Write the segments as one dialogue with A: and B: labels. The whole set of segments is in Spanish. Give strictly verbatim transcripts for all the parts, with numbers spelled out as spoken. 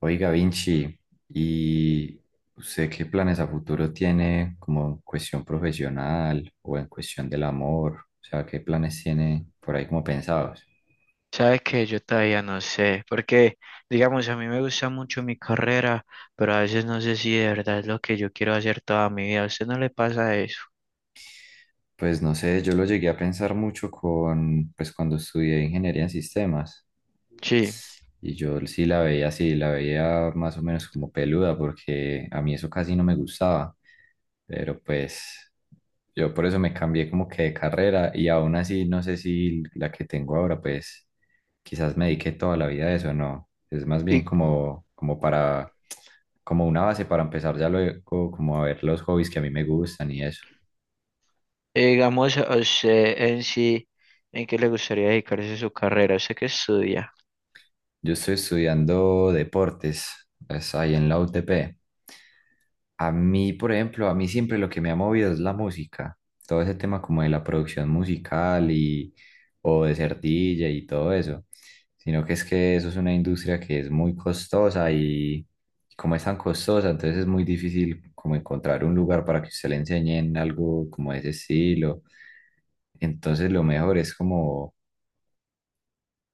A: Oiga, Vinci, ¿y usted qué planes a futuro tiene como en cuestión profesional o en cuestión del amor? O sea, ¿qué planes tiene por ahí como pensados?
B: Sabes que yo todavía no sé, porque digamos, a mí me gusta mucho mi carrera, pero a veces no sé si de verdad es lo que yo quiero hacer toda mi vida. ¿A usted no le pasa eso?
A: Pues no sé, yo lo llegué a pensar mucho con, pues cuando estudié ingeniería en sistemas.
B: Sí.
A: Y yo sí la veía así, la veía más o menos como peluda, porque a mí eso casi no me gustaba. Pero pues yo por eso me cambié como que de carrera y aún así no sé si la que tengo ahora, pues quizás me dediqué toda la vida a eso, no. Es más bien
B: Y
A: como, como para, como una base para empezar ya luego, como a ver los hobbies que a mí me gustan y eso.
B: eh, digamos, a usted en sí, ¿en qué le gustaría dedicarse su carrera? Sé que estudia.
A: Yo estoy estudiando deportes, es ahí en la U T P. A mí, por ejemplo, a mí siempre lo que me ha movido es la música, todo ese tema como de la producción musical y o de ser D J y todo eso, sino que es que eso es una industria que es muy costosa y como es tan costosa, entonces es muy difícil como encontrar un lugar para que usted le enseñen algo como de ese estilo. Entonces lo mejor es como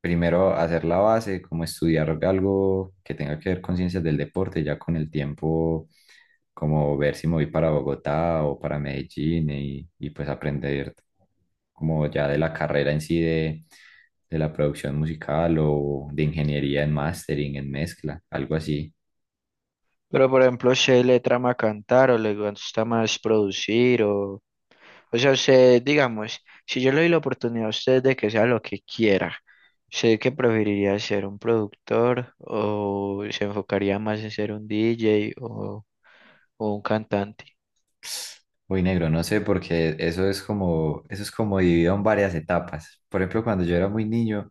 A: primero hacer la base, como estudiar algo que tenga que ver con ciencias del deporte, ya con el tiempo, como ver si me voy para Bogotá o para Medellín y, y pues aprender como ya de la carrera en sí de, de la producción musical o de ingeniería en mastering, en mezcla, algo así.
B: Pero por ejemplo, ¿se le trama cantar o le gusta más producir o...? O sea, usted, digamos, si yo le doy la oportunidad a usted de que sea lo que quiera, ¿usted qué preferiría ser un productor o se enfocaría más en ser un D J o, o un cantante?
A: Uy, negro, no sé, porque eso es como, eso es como dividido en varias etapas. Por ejemplo, cuando yo era muy niño,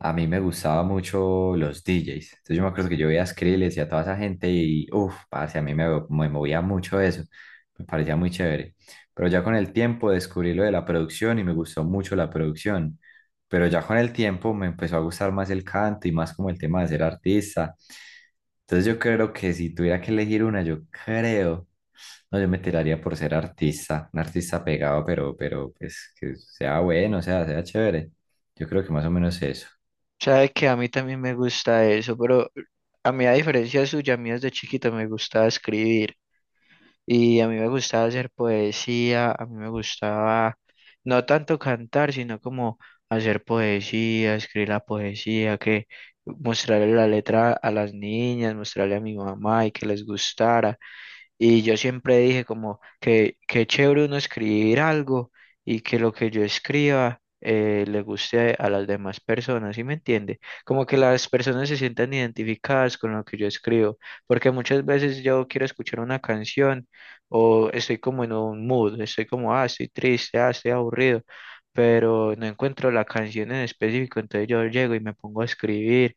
A: a mí me gustaba mucho los D Js. Entonces yo me acuerdo que yo veía a Skrillex y a toda esa gente y, uff, parce, a mí me, me movía mucho eso. Me parecía muy chévere. Pero ya con el tiempo descubrí lo de la producción y me gustó mucho la producción. Pero ya con el tiempo me empezó a gustar más el canto y más como el tema de ser artista. Entonces yo creo que si tuviera que elegir una, yo creo. No, yo me tiraría por ser artista, un artista pegado, pero, pero pues que sea bueno, o sea, sea chévere. Yo creo que más o menos eso.
B: Sabe que a mí también me gusta eso, pero a mí, a diferencia suya, a mí desde chiquito me gustaba escribir. Y a mí me gustaba hacer poesía, a mí me gustaba no tanto cantar, sino como hacer poesía, escribir la poesía, que mostrarle la letra a las niñas, mostrarle a mi mamá y que les gustara. Y yo siempre dije como que qué chévere uno escribir algo y que lo que yo escriba eh, le guste a las demás personas, ¿sí me entiende? Como que las personas se sientan identificadas con lo que yo escribo, porque muchas veces yo quiero escuchar una canción o estoy como en un mood, estoy como, ah, estoy triste, ah, estoy aburrido, pero no encuentro la canción en específico, entonces yo llego y me pongo a escribir.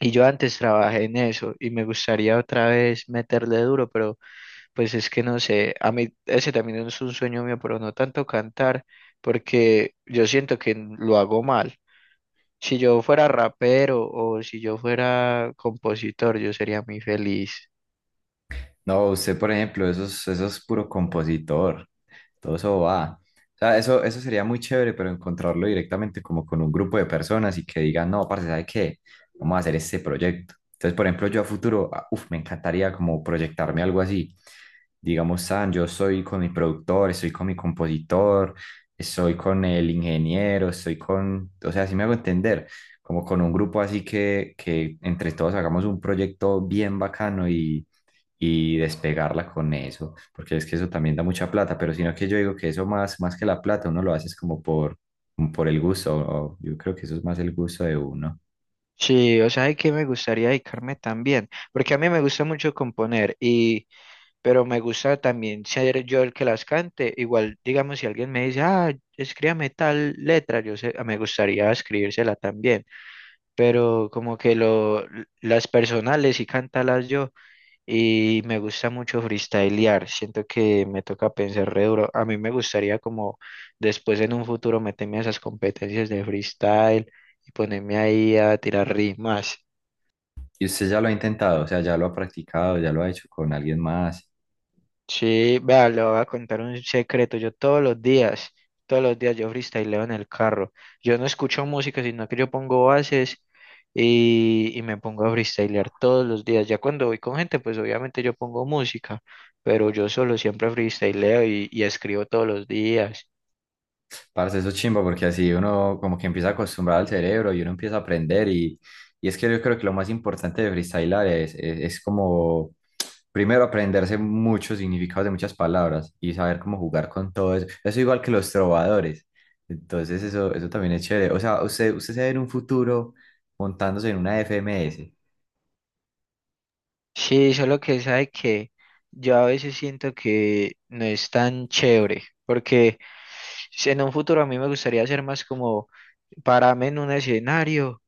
B: Y yo antes trabajé en eso y me gustaría otra vez meterle duro, pero pues es que no sé, a mí ese también es un sueño mío, pero no tanto cantar, porque yo siento que n- lo hago mal. Si yo fuera rapero o si yo fuera compositor, yo sería muy feliz.
A: No, usted, por ejemplo, eso es, eso es puro compositor. Todo eso va. O sea, eso, eso sería muy chévere, pero encontrarlo directamente como con un grupo de personas y que digan, no, parce, ¿sabe qué? Vamos a hacer este proyecto. Entonces, por ejemplo, yo a futuro, ah, uf, me encantaría como proyectarme algo así. Digamos, San, yo soy con mi productor, estoy con mi compositor, estoy con el ingeniero, estoy con, o sea, así me hago entender, como con un grupo así que, que entre todos hagamos un proyecto bien bacano y y despegarla con eso, porque es que eso también da mucha plata, pero sino que yo digo que eso más, más que la plata, uno lo hace es como por, como por el gusto, o- yo creo que eso es más el gusto de uno.
B: Sí, o sea, hay que me gustaría dedicarme también, porque a mí me gusta mucho componer y, pero me gusta también ser yo el que las cante. Igual, digamos, si alguien me dice, ah, escríbame tal letra, yo sé, me gustaría escribírsela también. Pero como que lo, las personales y cantarlas yo y me gusta mucho freestylear, siento que me toca pensar re duro, a mí me gustaría como después en un futuro meterme a esas competencias de freestyle y ponerme ahí a tirar rimas.
A: Y usted ya lo ha intentado, o sea, ya lo ha practicado, ya lo ha hecho con alguien más.
B: Sí, vea, le voy a contar un secreto. Yo todos los días, Todos los días yo freestyleo en el carro. Yo no escucho música, sino que yo pongo bases y, y me pongo a freestylear todos los días. Ya cuando voy con gente, pues obviamente yo pongo música, pero yo solo siempre freestyleo y, y escribo todos los días.
A: Parce, eso es chimba porque así uno como que empieza a acostumbrar al cerebro y uno empieza a aprender y, y es que yo creo que lo más importante de freestylar es, es, es como primero aprenderse muchos significados de muchas palabras y saber cómo jugar con todo eso. Eso igual que los trovadores. Entonces eso, eso también es chévere. O sea, usted, usted se ve en un futuro montándose en una F M S,
B: Sí, solo que sabe que yo a veces siento que no es tan chévere, porque si en un futuro a mí me gustaría ser más como pararme en un escenario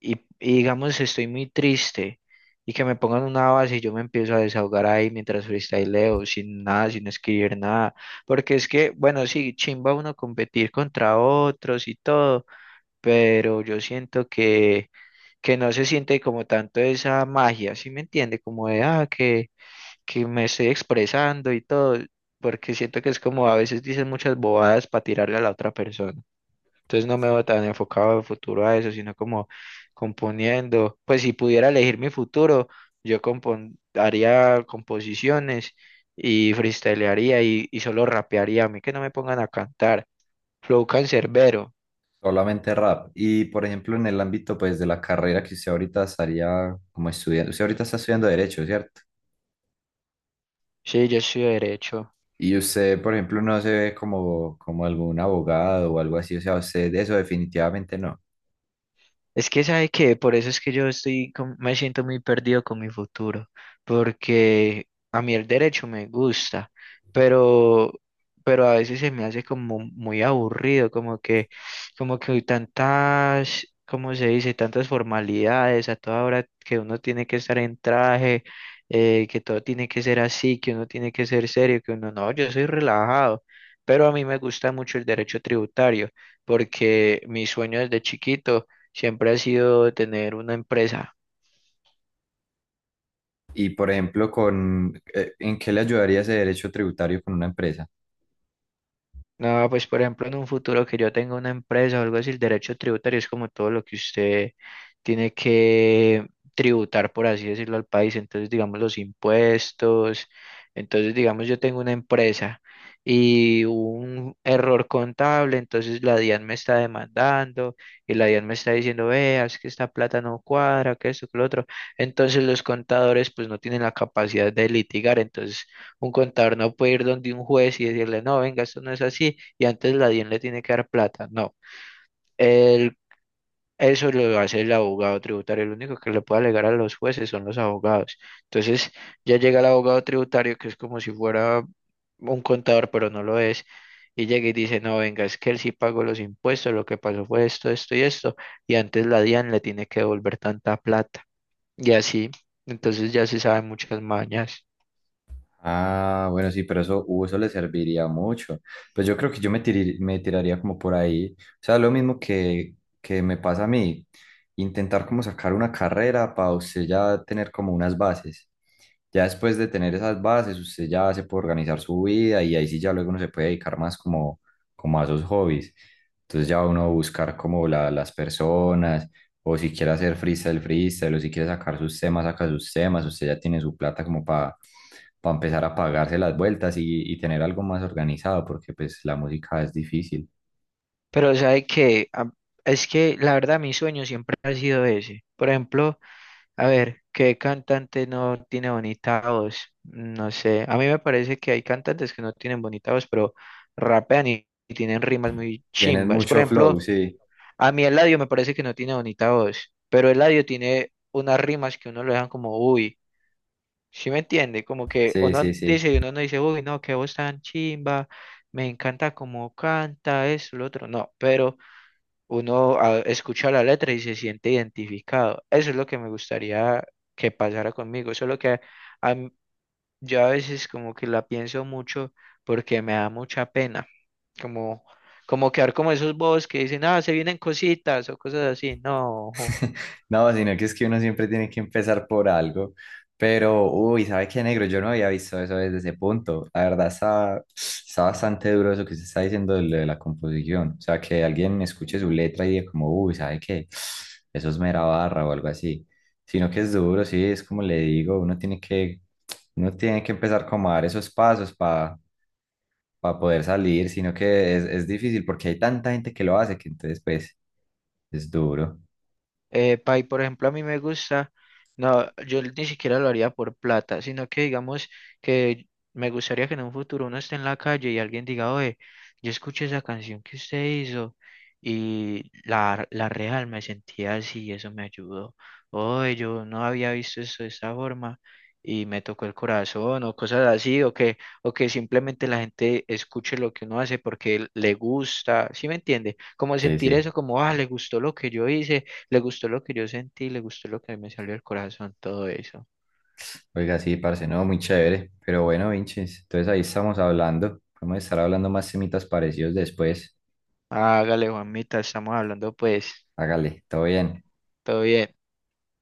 B: y, y digamos estoy muy triste y que me pongan una base y yo me empiezo a desahogar ahí mientras freestyleo, sin nada, sin escribir nada, porque es que, bueno, sí, chimba uno competir contra otros y todo, pero yo siento que, que no se siente como tanto esa magia, ¿sí me entiende? Como de, ah, que, que me estoy expresando y todo, porque siento que es como a veces dicen muchas bobadas para tirarle a la otra persona. Entonces no me veo tan enfocado en futuro a eso, sino como componiendo. Pues si pudiera elegir mi futuro, yo compon- haría composiciones y freestylearía y, y solo rapearía. A mí que no me pongan a cantar. Flow cancerbero.
A: solamente rap. Y por ejemplo en el ámbito pues de la carrera que usted ahorita estaría como estudiando, usted ahorita está estudiando derecho, ¿cierto?
B: Sí, yo soy derecho.
A: Y usted, por ejemplo, no se ve como, como algún abogado o algo así, o sea, usted de eso definitivamente no.
B: Es que sabe que por eso es que yo estoy, con- me siento muy perdido con mi futuro, porque a mí el derecho me gusta, pero, pero a veces se me hace como muy aburrido, como que, como que hay tantas, ¿cómo se dice? Tantas formalidades a toda hora que uno tiene que estar en traje, eh, que todo tiene que ser así, que uno tiene que ser serio, que uno no, yo soy relajado, pero a mí me gusta mucho el derecho tributario, porque mi sueño desde chiquito siempre ha sido de tener una empresa.
A: Y, por ejemplo, con, eh, ¿en qué le ayudaría ese derecho tributario con una empresa?
B: No, pues por ejemplo, en un futuro que yo tenga una empresa o algo así, el derecho tributario es como todo lo que usted tiene que tributar, por así decirlo, al país. Entonces, digamos, los impuestos. Entonces, digamos, yo tengo una empresa y hubo un error contable, entonces la DIAN me está demandando y la DIAN me está diciendo, veas que esta plata no cuadra, que esto, que lo otro. Entonces, los contadores pues no tienen la capacidad de litigar, entonces un contador no puede ir donde un juez y decirle, no, venga, esto no es así, y antes la DIAN le tiene que dar plata. No, el- eso lo hace el abogado tributario. Lo único que le puede alegar a los jueces son los abogados. Entonces ya llega el abogado tributario, que es como si fuera un contador, pero no lo es, y llega y dice, no, venga, es que él sí pagó los impuestos, lo que pasó fue esto, esto y esto, y antes la DIAN le tiene que devolver tanta plata. Y así, entonces ya se saben muchas mañas.
A: Ah, bueno, sí, pero eso, uh, eso le serviría mucho. Pues yo creo que yo me, tiri- me tiraría como por ahí. O sea, lo mismo que, que me pasa a mí, intentar como sacar una carrera para usted ya tener como unas bases. Ya después de tener esas bases, usted ya se puede organizar su vida y ahí sí ya luego uno se puede dedicar más como, como a sus hobbies. Entonces ya uno buscar como la- las personas, o si quiere hacer freestyle, freestyle, o si quiere sacar sus temas, saca sus temas. Usted ya tiene su plata como para empezar a pagarse las vueltas y, y tener algo más organizado, porque pues la música es difícil.
B: Pero sabe que a- es que la verdad mi sueño siempre ha sido ese. Por ejemplo, a ver, ¿qué cantante no tiene bonita voz? No sé, a mí me parece que hay cantantes que no tienen bonita voz, pero rapean y, y tienen rimas muy
A: Tienes
B: chimbas. Por
A: mucho
B: ejemplo,
A: flow, sí,
B: a mí Eladio me parece que no tiene bonita voz, pero Eladio tiene unas rimas que uno lo dejan como, uy, ¿sí me entiende? Como que
A: sí,
B: uno
A: sí, sí.
B: dice, uno no dice, uy, no, qué voz tan chimba, me encanta cómo canta, eso, lo otro, no, pero... Uno ah, escucha la letra y se siente identificado. Eso es lo que me gustaría que pasara conmigo. Solo que a m- yo a veces como que la pienso mucho porque me da mucha pena. Como, como quedar como esos bobos que dicen, ah, se vienen cositas o cosas así. No.
A: No, sino que es que uno siempre tiene que empezar por algo. Pero, uy, ¿sabe qué, negro? Yo no había visto eso desde ese punto. La verdad está, está bastante duro eso que se está diciendo de, lo de la composición. O sea, que alguien escuche su letra y diga como, uy, ¿sabe qué? Eso es mera barra o algo así. Sino que es duro, sí, es como le digo, uno tiene que, uno tiene que empezar como a dar esos pasos para poder salir, sino que es, es difícil porque hay tanta gente que lo hace que entonces, pues, es duro.
B: Eh, pay, por ejemplo, a mí me gusta, no, yo ni siquiera lo haría por plata, sino que digamos que me gustaría que en un futuro uno esté en la calle y alguien diga, oye, yo escuché esa canción que usted hizo y la, la real me sentía así y eso me ayudó. Oye, yo no había visto eso de esa forma y me tocó el corazón o cosas así, o que, o que simplemente la gente escuche lo que uno hace porque le gusta, ¿sí me entiende? Como
A: Sí,
B: sentir
A: sí.
B: eso, como, ah, le gustó lo que yo hice, le gustó lo que yo sentí, le gustó lo que me salió del corazón, todo eso.
A: Oiga, sí, parce, no, muy chévere. Pero bueno, Vinches, entonces ahí estamos hablando. Podemos estar hablando más temitas parecidos después.
B: Hágale, Juanmita, estamos hablando pues,
A: Hágale, todo bien.
B: todo bien.